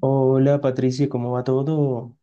Hola Patricia, ¿cómo va todo?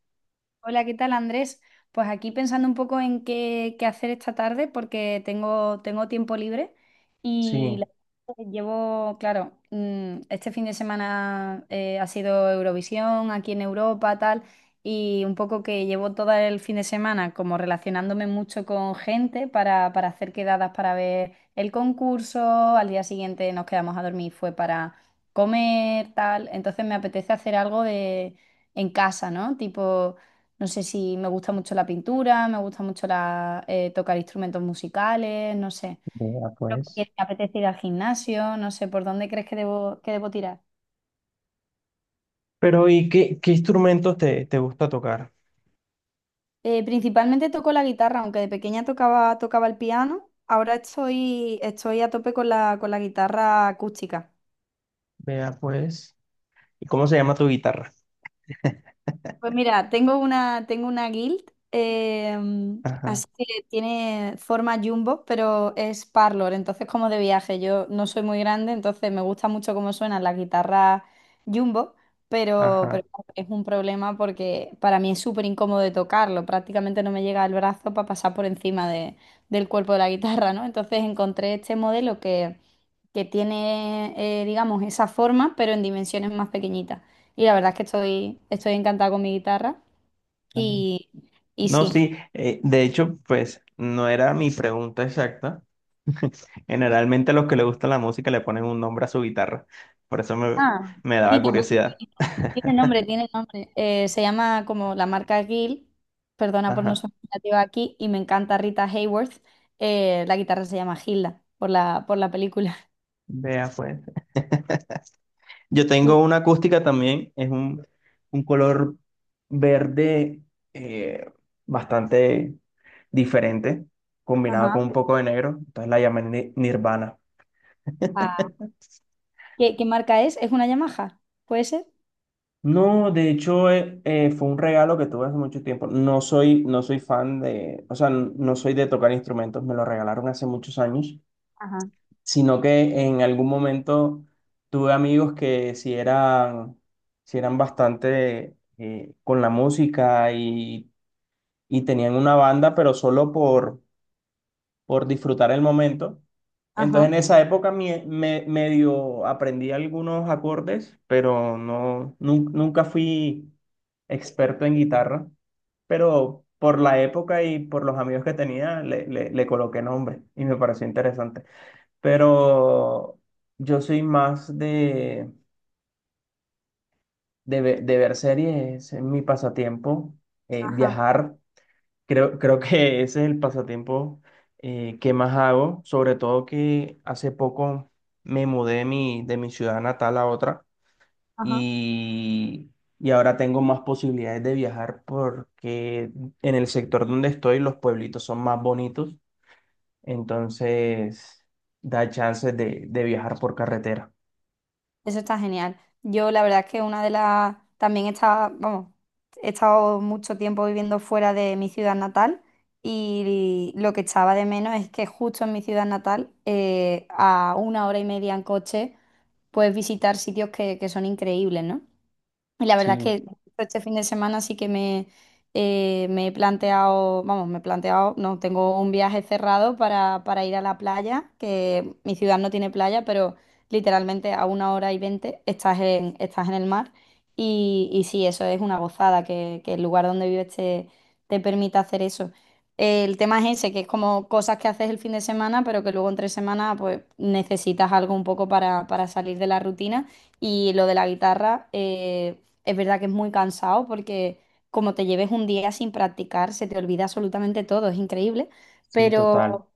Hola, ¿qué tal, Andrés? Pues aquí pensando un poco en qué hacer esta tarde porque tengo tiempo libre y Sí, la verdad que llevo, claro, este fin de semana ha sido Eurovisión aquí en Europa, tal, y un poco que llevo todo el fin de semana como relacionándome mucho con gente para hacer quedadas para ver el concurso, al día siguiente nos quedamos a dormir, fue para comer, tal, entonces me apetece hacer algo de, en casa, ¿no? Tipo... No sé si me gusta mucho la pintura, me gusta mucho tocar instrumentos musicales, no sé. vea pues. Porque me apetece ir al gimnasio, no sé por dónde crees que debo tirar. Pero ¿y qué instrumentos te gusta tocar? Principalmente toco la guitarra, aunque de pequeña tocaba el piano, ahora estoy a tope con la guitarra acústica. Vea pues. ¿Y cómo se llama tu guitarra? Pues mira, tengo una guild, Ajá, así que tiene forma jumbo, pero es parlor, entonces como de viaje. Yo no soy muy grande, entonces me gusta mucho cómo suenan las guitarras jumbo, pero ajá, claro, es un problema porque para mí es súper incómodo de tocarlo, prácticamente no me llega el brazo para pasar por encima del cuerpo de la guitarra, ¿no? Entonces encontré este modelo que tiene, digamos, esa forma, pero en dimensiones más pequeñitas. Y la verdad es que estoy encantada con mi guitarra. ajá. Y, y No, sí. sí, de hecho, pues no era mi pregunta exacta. Generalmente a los que les gusta la música le ponen un nombre a su guitarra. Por eso Ah, me daba sí, también curiosidad. Tiene nombre. Se llama como la marca Gill. Perdona por no Ajá. ser creativa aquí. Y me encanta Rita Hayworth. La guitarra se llama Gilda por la película. Vea pues. Yo Sí. tengo una acústica también, es un color verde, eh, bastante diferente, combinado con Ajá. un poco de negro, entonces la llamé Nirvana. Ah, ¿qué marca es? ¿Es una Yamaha? ¿Puede ser? No, de hecho, fue un regalo que tuve hace mucho tiempo. No soy fan de, o sea, no soy de tocar instrumentos, me lo regalaron hace muchos años, Ajá, sino que en algún momento tuve amigos que si si eran bastante con la música y tenían una banda, pero solo por disfrutar el momento. Entonces ajá, en esa época medio aprendí algunos acordes, pero no, nunca fui experto en guitarra, pero por la época y por los amigos que tenía le coloqué nombre y me pareció interesante. Pero yo soy más de ver series, es mi pasatiempo, ajá, viajar. Creo que ese es el pasatiempo que más hago, sobre todo que hace poco me mudé de de mi ciudad natal a otra ajá. y, y ahora tengo más posibilidades de viajar porque en el sector donde estoy los pueblitos son más bonitos, entonces da chances de viajar por carretera. Eso está genial. Yo la verdad es que una de las... También está vamos, he estado mucho tiempo viviendo fuera de mi ciudad natal y lo que echaba de menos es que justo en mi ciudad natal, a una hora y media en coche, puedes visitar sitios que son increíbles, ¿no? Y la verdad es Sí, que este fin de semana sí que me he planteado, vamos, me he planteado, no, tengo un viaje cerrado para ir a la playa, que mi ciudad no tiene playa, pero literalmente a una hora y veinte estás en, estás en el mar. Y sí, eso es una gozada, que el lugar donde vives te permita hacer eso. El tema es ese, que es como cosas que haces el fin de semana, pero que luego entre semana pues necesitas algo un poco para salir de la rutina. Y lo de la guitarra, es verdad que es muy cansado porque como te lleves un día sin practicar, se te olvida absolutamente todo, es increíble. sí, total. Pero,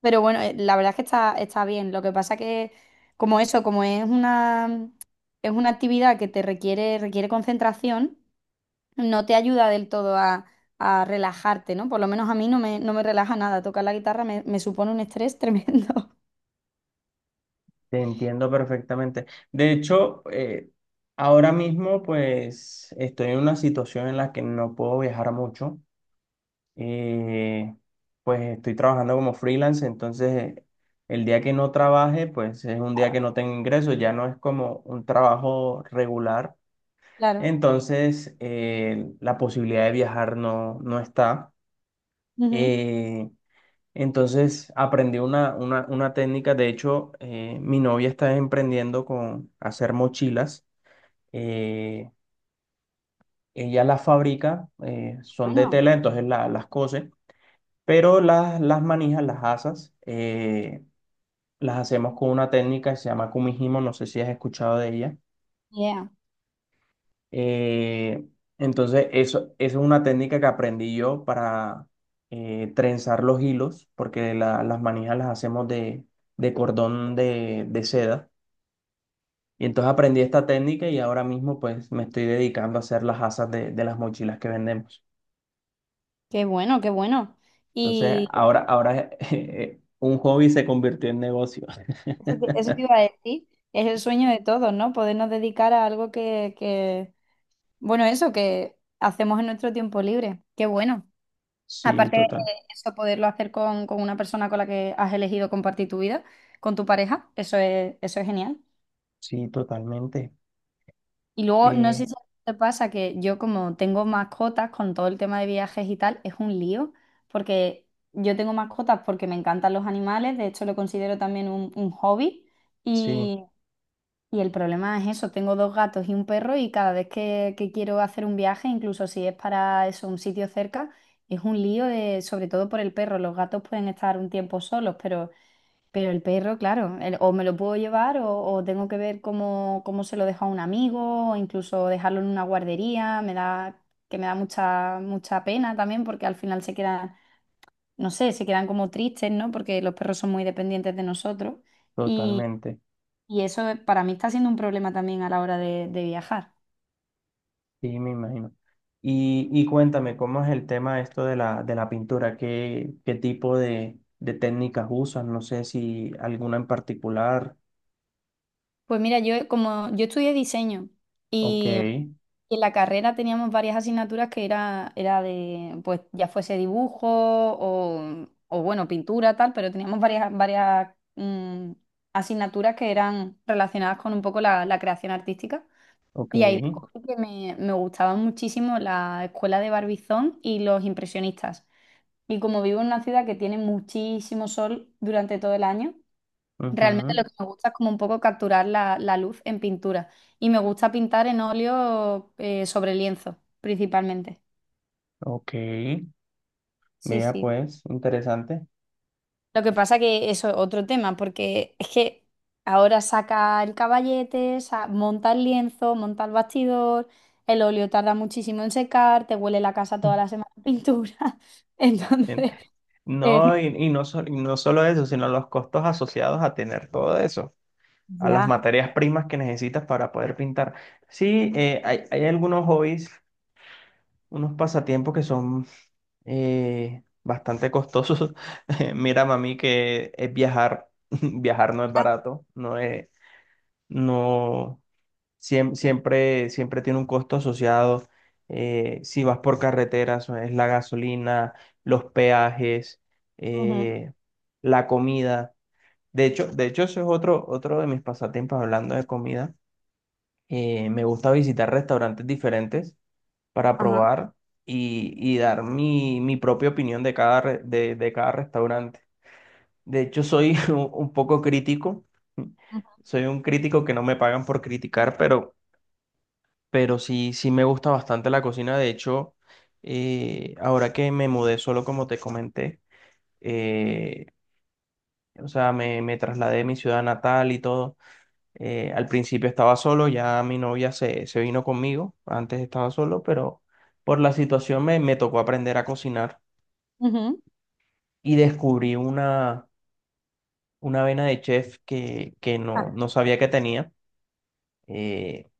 pero bueno, la verdad es que está bien. Lo que pasa que como eso, como es una actividad que te requiere concentración, no te ayuda del todo a relajarte, ¿no? Por lo menos a mí no me relaja nada. Tocar la guitarra me supone un estrés tremendo. Te entiendo perfectamente. De hecho, ahora mismo pues estoy en una situación en la que no puedo viajar mucho. Eh, pues estoy trabajando como freelance, entonces el día que no trabaje pues es un día que no tengo ingresos, ya no es como un trabajo regular. Claro. Entonces, la posibilidad de viajar no, no está. Ujú. Eh, entonces aprendí una técnica, de hecho, mi novia está emprendiendo con hacer mochilas. Eh, Ella las fabrica, son de Bueno, tela, entonces las cose, pero las manijas, las asas, las hacemos con una técnica que se llama kumihimo, no sé si has escuchado de ella. yeah. Eh, entonces, eso es una técnica que aprendí yo para trenzar los hilos, porque las manijas las hacemos de cordón de seda. Y entonces aprendí esta técnica y ahora mismo pues me estoy dedicando a hacer las asas de las mochilas que vendemos. Qué bueno, qué bueno. Entonces, ahora un hobby se convirtió en negocio. Eso te iba a decir, es el sueño de todos, ¿no? Podernos dedicar a algo que- bueno, eso que hacemos en nuestro tiempo libre. Qué bueno. Sí, Aparte de total. eso, poderlo hacer con una persona con la que has elegido compartir tu vida, con tu pareja, eso es genial. Sí, totalmente. Y luego, no sé Eh, si a ti te pasa que yo como tengo mascotas con todo el tema de viajes y tal, es un lío, porque yo tengo mascotas porque me encantan los animales, de hecho lo considero también un hobby. sí, Y el problema es eso, tengo dos gatos y un perro y cada vez que quiero hacer un viaje, incluso si es para eso, un sitio cerca, es un lío de, sobre todo por el perro. Los gatos pueden estar un tiempo solos, pero el perro, claro, o me lo puedo llevar o tengo que ver cómo se lo dejo a un amigo, o incluso dejarlo en una guardería, que me da mucha, mucha pena también, porque al final se quedan, no sé, se quedan como tristes, ¿no? Porque los perros son muy dependientes de nosotros. totalmente. Y eso para mí está siendo un problema también a la hora de viajar. Sí, me imagino. Y cuéntame, ¿cómo es el tema esto de de la pintura? ¿Qué tipo de técnicas usas? No sé si alguna en particular. Pues mira, yo como yo estudié diseño Ok, y en la carrera teníamos varias asignaturas que era de, pues ya fuese dibujo bueno, pintura, tal, pero teníamos varias asignaturas que eran relacionadas con un poco la creación artística. ok, Y ahí descubrí que me gustaba muchísimo la escuela de Barbizón y los impresionistas. Y como vivo en una ciudad que tiene muchísimo sol durante todo el año, realmente ujú, lo que me gusta es como un poco capturar la luz en pintura. Y me gusta pintar en óleo sobre lienzo, principalmente. ok. Sí, Mira, sí. pues, interesante. Lo que pasa que eso es otro tema, porque es que ahora saca el caballete, monta el lienzo, monta el bastidor, el óleo tarda muchísimo en secar, te huele la casa toda la semana de pintura. Eh, Entonces, es- no, y no solo eso, sino los costos asociados a tener todo eso, a las ya. materias primas que necesitas para poder pintar. Sí, hay algunos hobbies, unos pasatiempos que son bastante costosos. Mira, mami, que es viajar. Viajar no es barato, no es, no, siempre tiene un costo asociado. Si vas por carreteras, es la gasolina, los peajes, Ujú, eh, la comida. De hecho, eso es otro, otro de mis pasatiempos hablando de comida. Me gusta visitar restaurantes diferentes para ajá, probar y dar mi propia opinión de de cada restaurante. De hecho, soy un poco crítico. ujú, Soy un crítico que no me pagan por criticar, pero sí, sí me gusta bastante la cocina. De hecho, ahora que me mudé solo, como te comenté, eh, o sea, me trasladé a mi ciudad natal y todo. Al principio estaba solo, ya mi novia se vino conmigo, antes estaba solo, pero por la situación me tocó aprender a cocinar ujú. y descubrí una vena de chef que no, Ah, no sabía que tenía. Eh,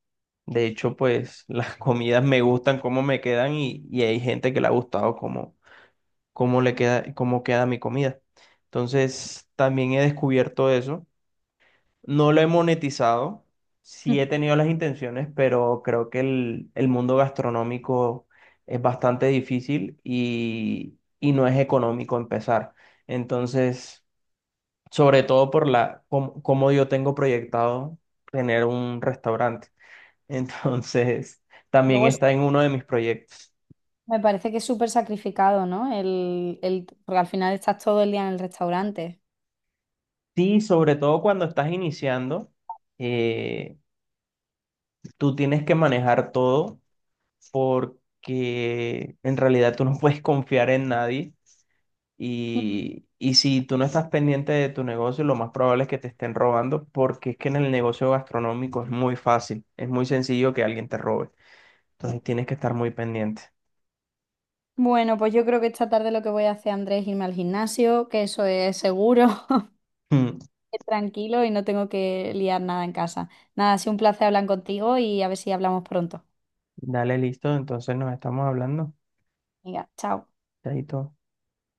de hecho, pues las comidas me gustan cómo me quedan y hay gente que le ha gustado cómo, cómo le queda, cómo queda mi comida. Entonces, también he descubierto eso. No lo he monetizado, sí mm. he tenido las intenciones, pero creo que el mundo gastronómico es bastante difícil y no es económico empezar. Entonces, sobre todo por la, cómo, cómo yo tengo proyectado tener un restaurante. Entonces, también Luego está en uno de mis proyectos. me parece que es súper sacrificado, ¿no? Porque al final estás todo el día en el restaurante. Sí, sobre todo cuando estás iniciando, eh, tú tienes que manejar todo porque en realidad tú no puedes confiar en nadie y, y si tú no estás pendiente de tu negocio, lo más probable es que te estén robando porque es que en el negocio gastronómico es muy fácil, es muy sencillo que alguien te robe. Ujú. Entonces tienes que estar muy pendiente. Bueno, pues yo creo que esta tarde lo que voy a hacer, Andrés, es irme al gimnasio, que eso es seguro, Mm. es tranquilo y no tengo que liar nada en casa. Nada, ha sido un placer hablar contigo y a ver si hablamos pronto. Dale, listo, entonces nos estamos hablando. Venga, chao. Chaito.